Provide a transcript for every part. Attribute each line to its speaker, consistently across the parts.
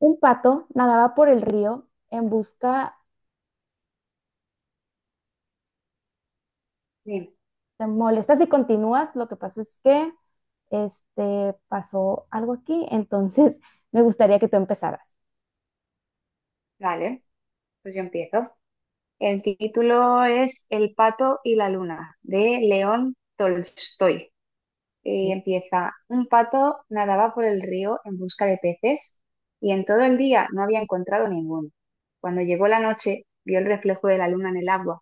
Speaker 1: Un pato nadaba por el río en busca,
Speaker 2: Bien,
Speaker 1: te molestas y continúas, lo que pasa es que pasó algo aquí, entonces me gustaría que tú empezaras.
Speaker 2: vale, pues yo empiezo. El título es El pato y la luna, de León Tolstoy. Y
Speaker 1: Ok.
Speaker 2: empieza, un pato nadaba por el río en busca de peces y en todo el día no había encontrado ninguno. Cuando llegó la noche, vio el reflejo de la luna en el agua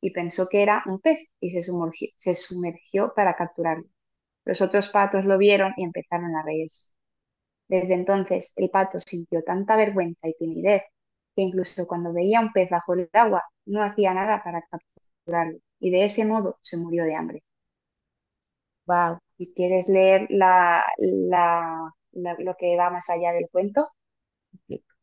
Speaker 2: y pensó que era un pez y se sumergió para capturarlo. Los otros patos lo vieron y empezaron a reírse. Desde entonces el pato sintió tanta vergüenza y timidez que incluso cuando veía un pez bajo el agua no hacía nada para escapar y de ese modo se murió de hambre.
Speaker 1: Wow,
Speaker 2: ¿Y quieres leer lo que va más allá del cuento?
Speaker 1: ok.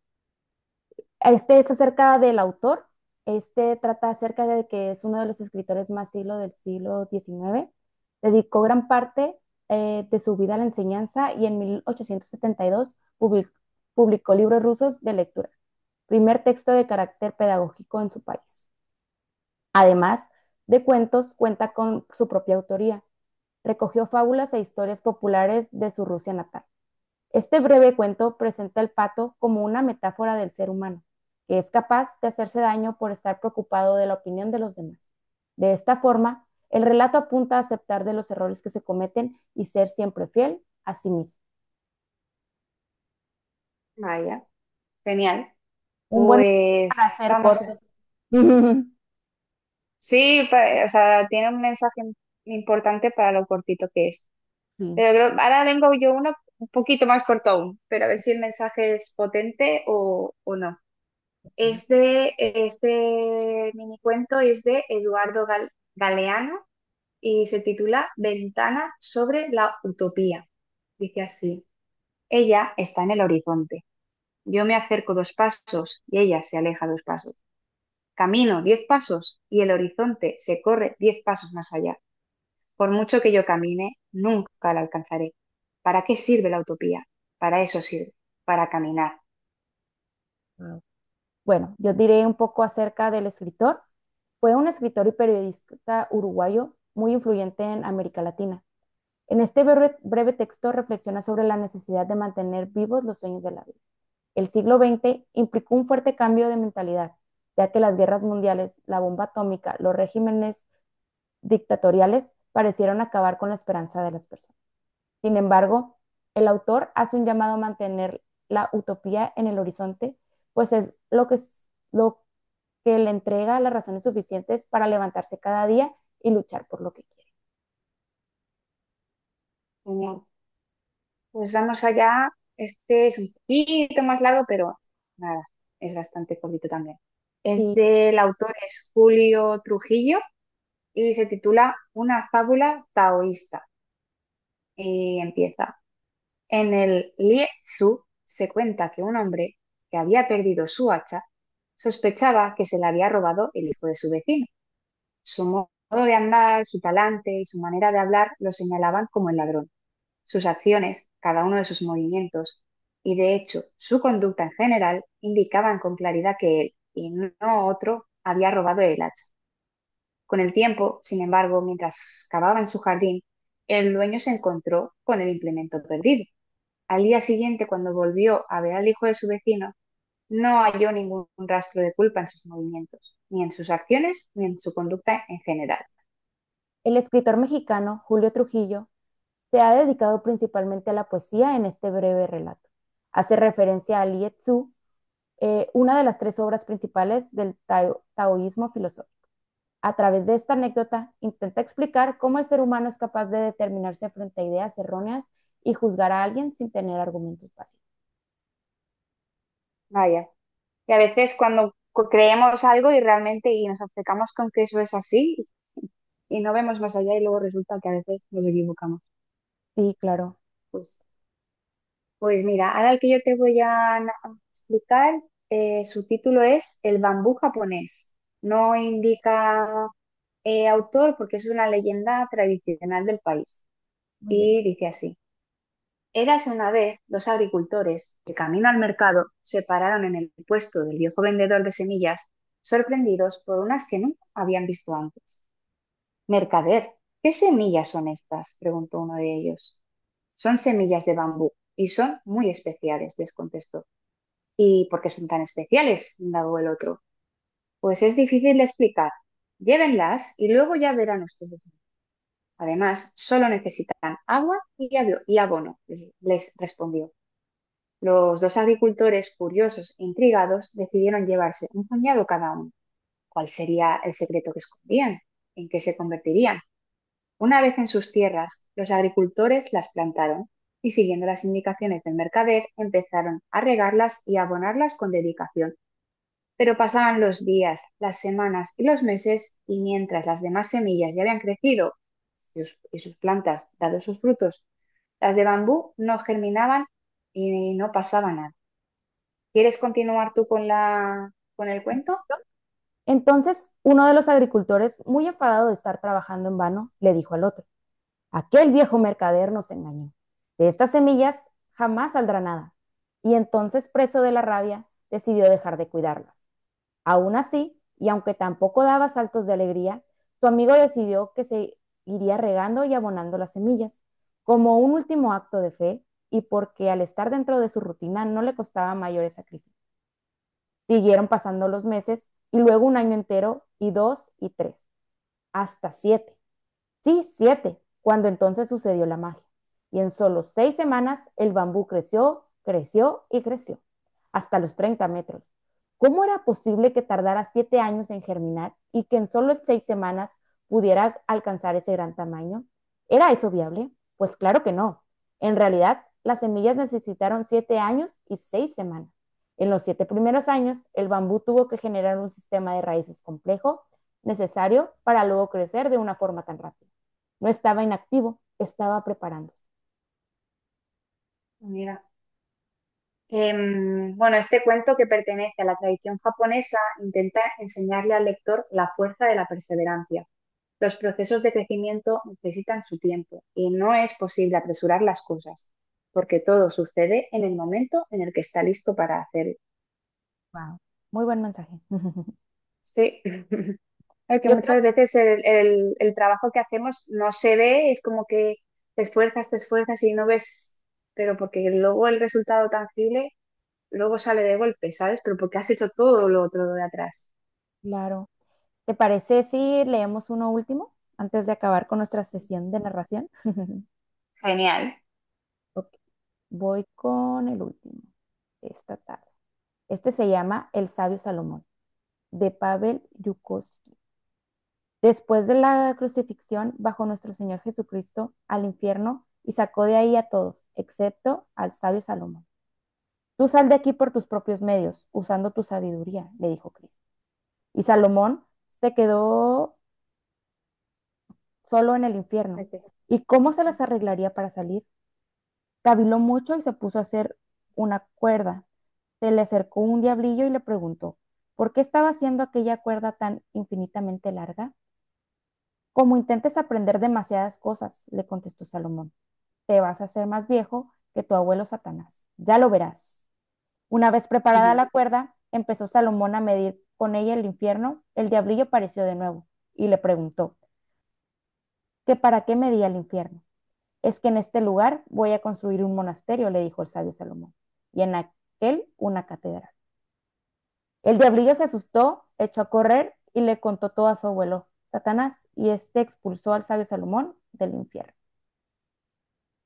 Speaker 1: Este es acerca del autor, este trata acerca de que es uno de los escritores más siglo del siglo XIX. Dedicó gran parte de su vida a la enseñanza y en 1872 publicó libros rusos de lectura, primer texto de carácter pedagógico en su país. Además de cuentos, cuenta con su propia autoría. Recogió fábulas e historias populares de su Rusia natal. Este breve cuento presenta al pato como una metáfora del ser humano, que es capaz de hacerse daño por estar preocupado de la opinión de los demás. De esta forma, el relato apunta a aceptar de los errores que se cometen y ser siempre fiel a sí mismo.
Speaker 2: Vaya, genial.
Speaker 1: Un buen
Speaker 2: Pues
Speaker 1: para ser
Speaker 2: vamos.
Speaker 1: corto.
Speaker 2: Sí, o sea, tiene un mensaje importante para lo cortito que es.
Speaker 1: Sí.
Speaker 2: Ahora vengo yo uno un poquito más corto aún, pero a ver si el mensaje es potente o no.
Speaker 1: Ok,
Speaker 2: Es Este mini cuento es de Galeano y se titula Ventana sobre la utopía. Dice así, ella está en el horizonte. Yo me acerco dos pasos y ella se aleja dos pasos. Camino diez pasos y el horizonte se corre diez pasos más allá. Por mucho que yo camine, nunca la alcanzaré. ¿Para qué sirve la utopía? Para eso sirve, para caminar.
Speaker 1: wow. Bueno, yo diré un poco acerca del escritor. Fue un escritor y periodista uruguayo muy influyente en América Latina. En este breve texto reflexiona sobre la necesidad de mantener vivos los sueños de la vida. El siglo XX implicó un fuerte cambio de mentalidad, ya que las guerras mundiales, la bomba atómica, los regímenes dictatoriales parecieron acabar con la esperanza de las personas. Sin embargo, el autor hace un llamado a mantener la utopía en el horizonte, pues es lo que le entrega las razones suficientes para levantarse cada día y luchar por lo que quiere.
Speaker 2: Genial. Pues vamos allá. Este es un poquito más largo, pero nada, es bastante cortito también. Es
Speaker 1: Sí.
Speaker 2: del autor es Julio Trujillo y se titula Una fábula taoísta. Y empieza. En el Lie Tzu se cuenta que un hombre que había perdido su hacha sospechaba que se la había robado el hijo de su vecino. Su modo de andar, su talante y su manera de hablar lo señalaban como el ladrón. Sus acciones, cada uno de sus movimientos y de hecho su conducta en general indicaban con claridad que él y no otro había robado el hacha. Con el tiempo, sin embargo, mientras cavaba en su jardín, el dueño se encontró con el implemento perdido. Al día siguiente, cuando volvió a ver al hijo de su vecino, no halló ningún rastro de culpa en sus movimientos, ni en sus acciones, ni en su conducta en general.
Speaker 1: El escritor mexicano Julio Trujillo se ha dedicado principalmente a la poesía en este breve relato. Hace referencia a Lietzu, una de las tres obras principales del taoísmo filosófico. A través de esta anécdota intenta explicar cómo el ser humano es capaz de determinarse frente a ideas erróneas y juzgar a alguien sin tener argumentos válidos.
Speaker 2: Vaya, y a veces cuando creemos algo y realmente y nos obcecamos con que eso es así, y no vemos más allá y luego resulta que a veces nos equivocamos.
Speaker 1: Sí, claro,
Speaker 2: Pues, pues mira, ahora el que yo te voy a a explicar, su título es El bambú japonés. No indica autor porque es una leyenda tradicional del país.
Speaker 1: muy bien.
Speaker 2: Y dice así. Érase una vez dos agricultores que camino al mercado se pararon en el puesto del viejo vendedor de semillas, sorprendidos por unas que nunca habían visto antes. Mercader, ¿qué semillas son estas?, preguntó uno de ellos. Son semillas de bambú y son muy especiales, les contestó. ¿Y por qué son tan especiales?, indagó el otro. Pues es difícil de explicar. Llévenlas y luego ya verán ustedes. Además, solo necesitan agua y y abono, les respondió. Los dos agricultores, curiosos e intrigados, decidieron llevarse un puñado cada uno. ¿Cuál sería el secreto que escondían? ¿En qué se convertirían? Una vez en sus tierras, los agricultores las plantaron y siguiendo las indicaciones del mercader empezaron a regarlas y a abonarlas con dedicación. Pero pasaban los días, las semanas y los meses y mientras las demás semillas ya habían crecido y sus plantas dado sus frutos, las de bambú no germinaban y no pasaba nada. ¿Quieres continuar tú con con el cuento,
Speaker 1: Entonces, uno de los agricultores, muy enfadado de estar trabajando en vano, le dijo al otro, aquel viejo mercader nos engañó. De estas semillas jamás saldrá nada. Y entonces, preso de la rabia, decidió dejar de cuidarlas. Aún así, y aunque tampoco daba saltos de alegría, su amigo decidió que se iría regando y abonando las semillas, como un último acto de fe y porque al estar dentro de su rutina no le costaba mayores sacrificios. Siguieron pasando los meses y luego un año entero y dos y tres, hasta siete. Sí, siete, cuando entonces sucedió la magia. Y en solo 6 semanas el bambú creció, creció y creció, hasta los 30 metros. ¿Cómo era posible que tardara 7 años en germinar y que en solo seis semanas pudiera alcanzar ese gran tamaño? ¿Era eso viable? Pues claro que no. En realidad, las semillas necesitaron 7 años y 6 semanas. En los 7 primeros años, el bambú tuvo que generar un sistema de raíces complejo necesario para luego crecer de una forma tan rápida. No estaba inactivo, estaba preparándose.
Speaker 2: amiga? Bueno, este cuento que pertenece a la tradición japonesa intenta enseñarle al lector la fuerza de la perseverancia. Los procesos de crecimiento necesitan su tiempo y no es posible apresurar las cosas, porque todo sucede en el momento en el que está listo para hacerlo.
Speaker 1: Wow. Muy buen mensaje.
Speaker 2: Sí, es que
Speaker 1: Yo creo,
Speaker 2: muchas veces el trabajo que hacemos no se ve, es como que te esfuerzas y no ves, pero porque luego el resultado tangible luego sale de golpe, ¿sabes? Pero porque has hecho todo lo otro de atrás.
Speaker 1: claro. ¿Te parece si leemos uno último antes de acabar con nuestra sesión de narración?
Speaker 2: Genial.
Speaker 1: Ok, voy con el último de esta tarde. Este se llama El sabio Salomón, de Pavel Yukovsky. Después de la crucifixión, bajó nuestro Señor Jesucristo al infierno y sacó de ahí a todos, excepto al sabio Salomón. Tú sal de aquí por tus propios medios, usando tu sabiduría, le dijo Cristo. Y Salomón se quedó solo en el infierno.
Speaker 2: Ese.
Speaker 1: ¿Y cómo se las arreglaría para salir? Caviló mucho y se puso a hacer una cuerda. Se le acercó un diablillo y le preguntó, ¿por qué estaba haciendo aquella cuerda tan infinitamente larga? Como intentes aprender demasiadas cosas, le contestó Salomón, te vas a hacer más viejo que tu abuelo Satanás. Ya lo verás. Una vez preparada
Speaker 2: Ujú.
Speaker 1: la cuerda, empezó Salomón a medir con ella el infierno. El diablillo apareció de nuevo y le preguntó, que para qué me di al infierno. Es que en este lugar voy a construir un monasterio, le dijo el sabio Salomón, y en aquel una catedral. El diablillo se asustó, echó a correr y le contó todo a su abuelo, Satanás, y este expulsó al sabio Salomón del infierno.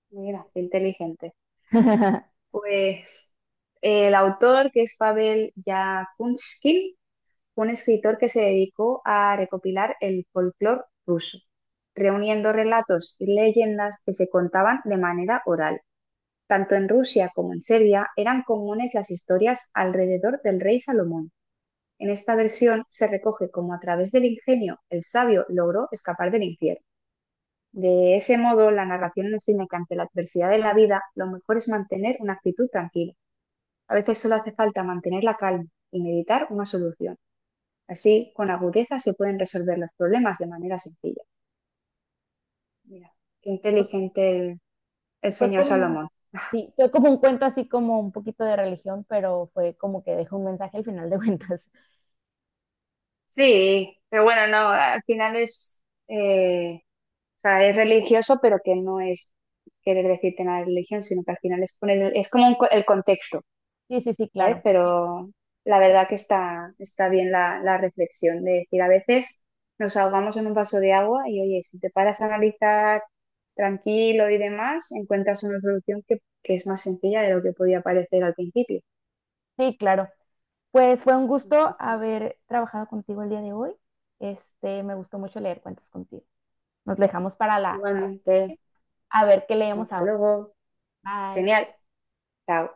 Speaker 2: Mira, qué inteligente. Pues el autor, que es Pavel Yakunskin, fue un escritor que se dedicó a recopilar el folclore ruso, reuniendo relatos y leyendas que se contaban de manera oral. Tanto en Rusia como en Serbia eran comunes las historias alrededor del rey Salomón. En esta versión se recoge cómo a través del ingenio el sabio logró escapar del infierno. De ese modo, la narración enseña que ante la adversidad de la vida, lo mejor es mantener una actitud tranquila. A veces solo hace falta mantener la calma y meditar una solución. Así, con agudeza se pueden resolver los problemas de manera sencilla. Mira, qué inteligente el
Speaker 1: Fue,
Speaker 2: señor
Speaker 1: como,
Speaker 2: Salomón.
Speaker 1: sí, fue como un cuento así como un poquito de religión, pero fue como que dejó un mensaje al final de cuentas.
Speaker 2: Sí, pero bueno, no, al final es eh, o sea, es religioso, pero que no es querer decirte nada de religión, sino que al final es poner, es como un el contexto,
Speaker 1: Sí, sí, sí,
Speaker 2: ¿sabes?
Speaker 1: claro.
Speaker 2: Pero la verdad que está bien la reflexión de decir, a veces nos ahogamos en un vaso de agua y oye, si te paras a analizar tranquilo y demás, encuentras una solución que es más sencilla de lo que podía parecer al principio.
Speaker 1: Sí, claro. Pues fue un
Speaker 2: Así
Speaker 1: gusto
Speaker 2: que,
Speaker 1: haber trabajado contigo el día de hoy. Este, me gustó mucho leer cuentos contigo. Nos dejamos para para-
Speaker 2: igualmente,
Speaker 1: a ver qué leemos
Speaker 2: hasta
Speaker 1: ahora.
Speaker 2: luego.
Speaker 1: Bye.
Speaker 2: Genial. Chao.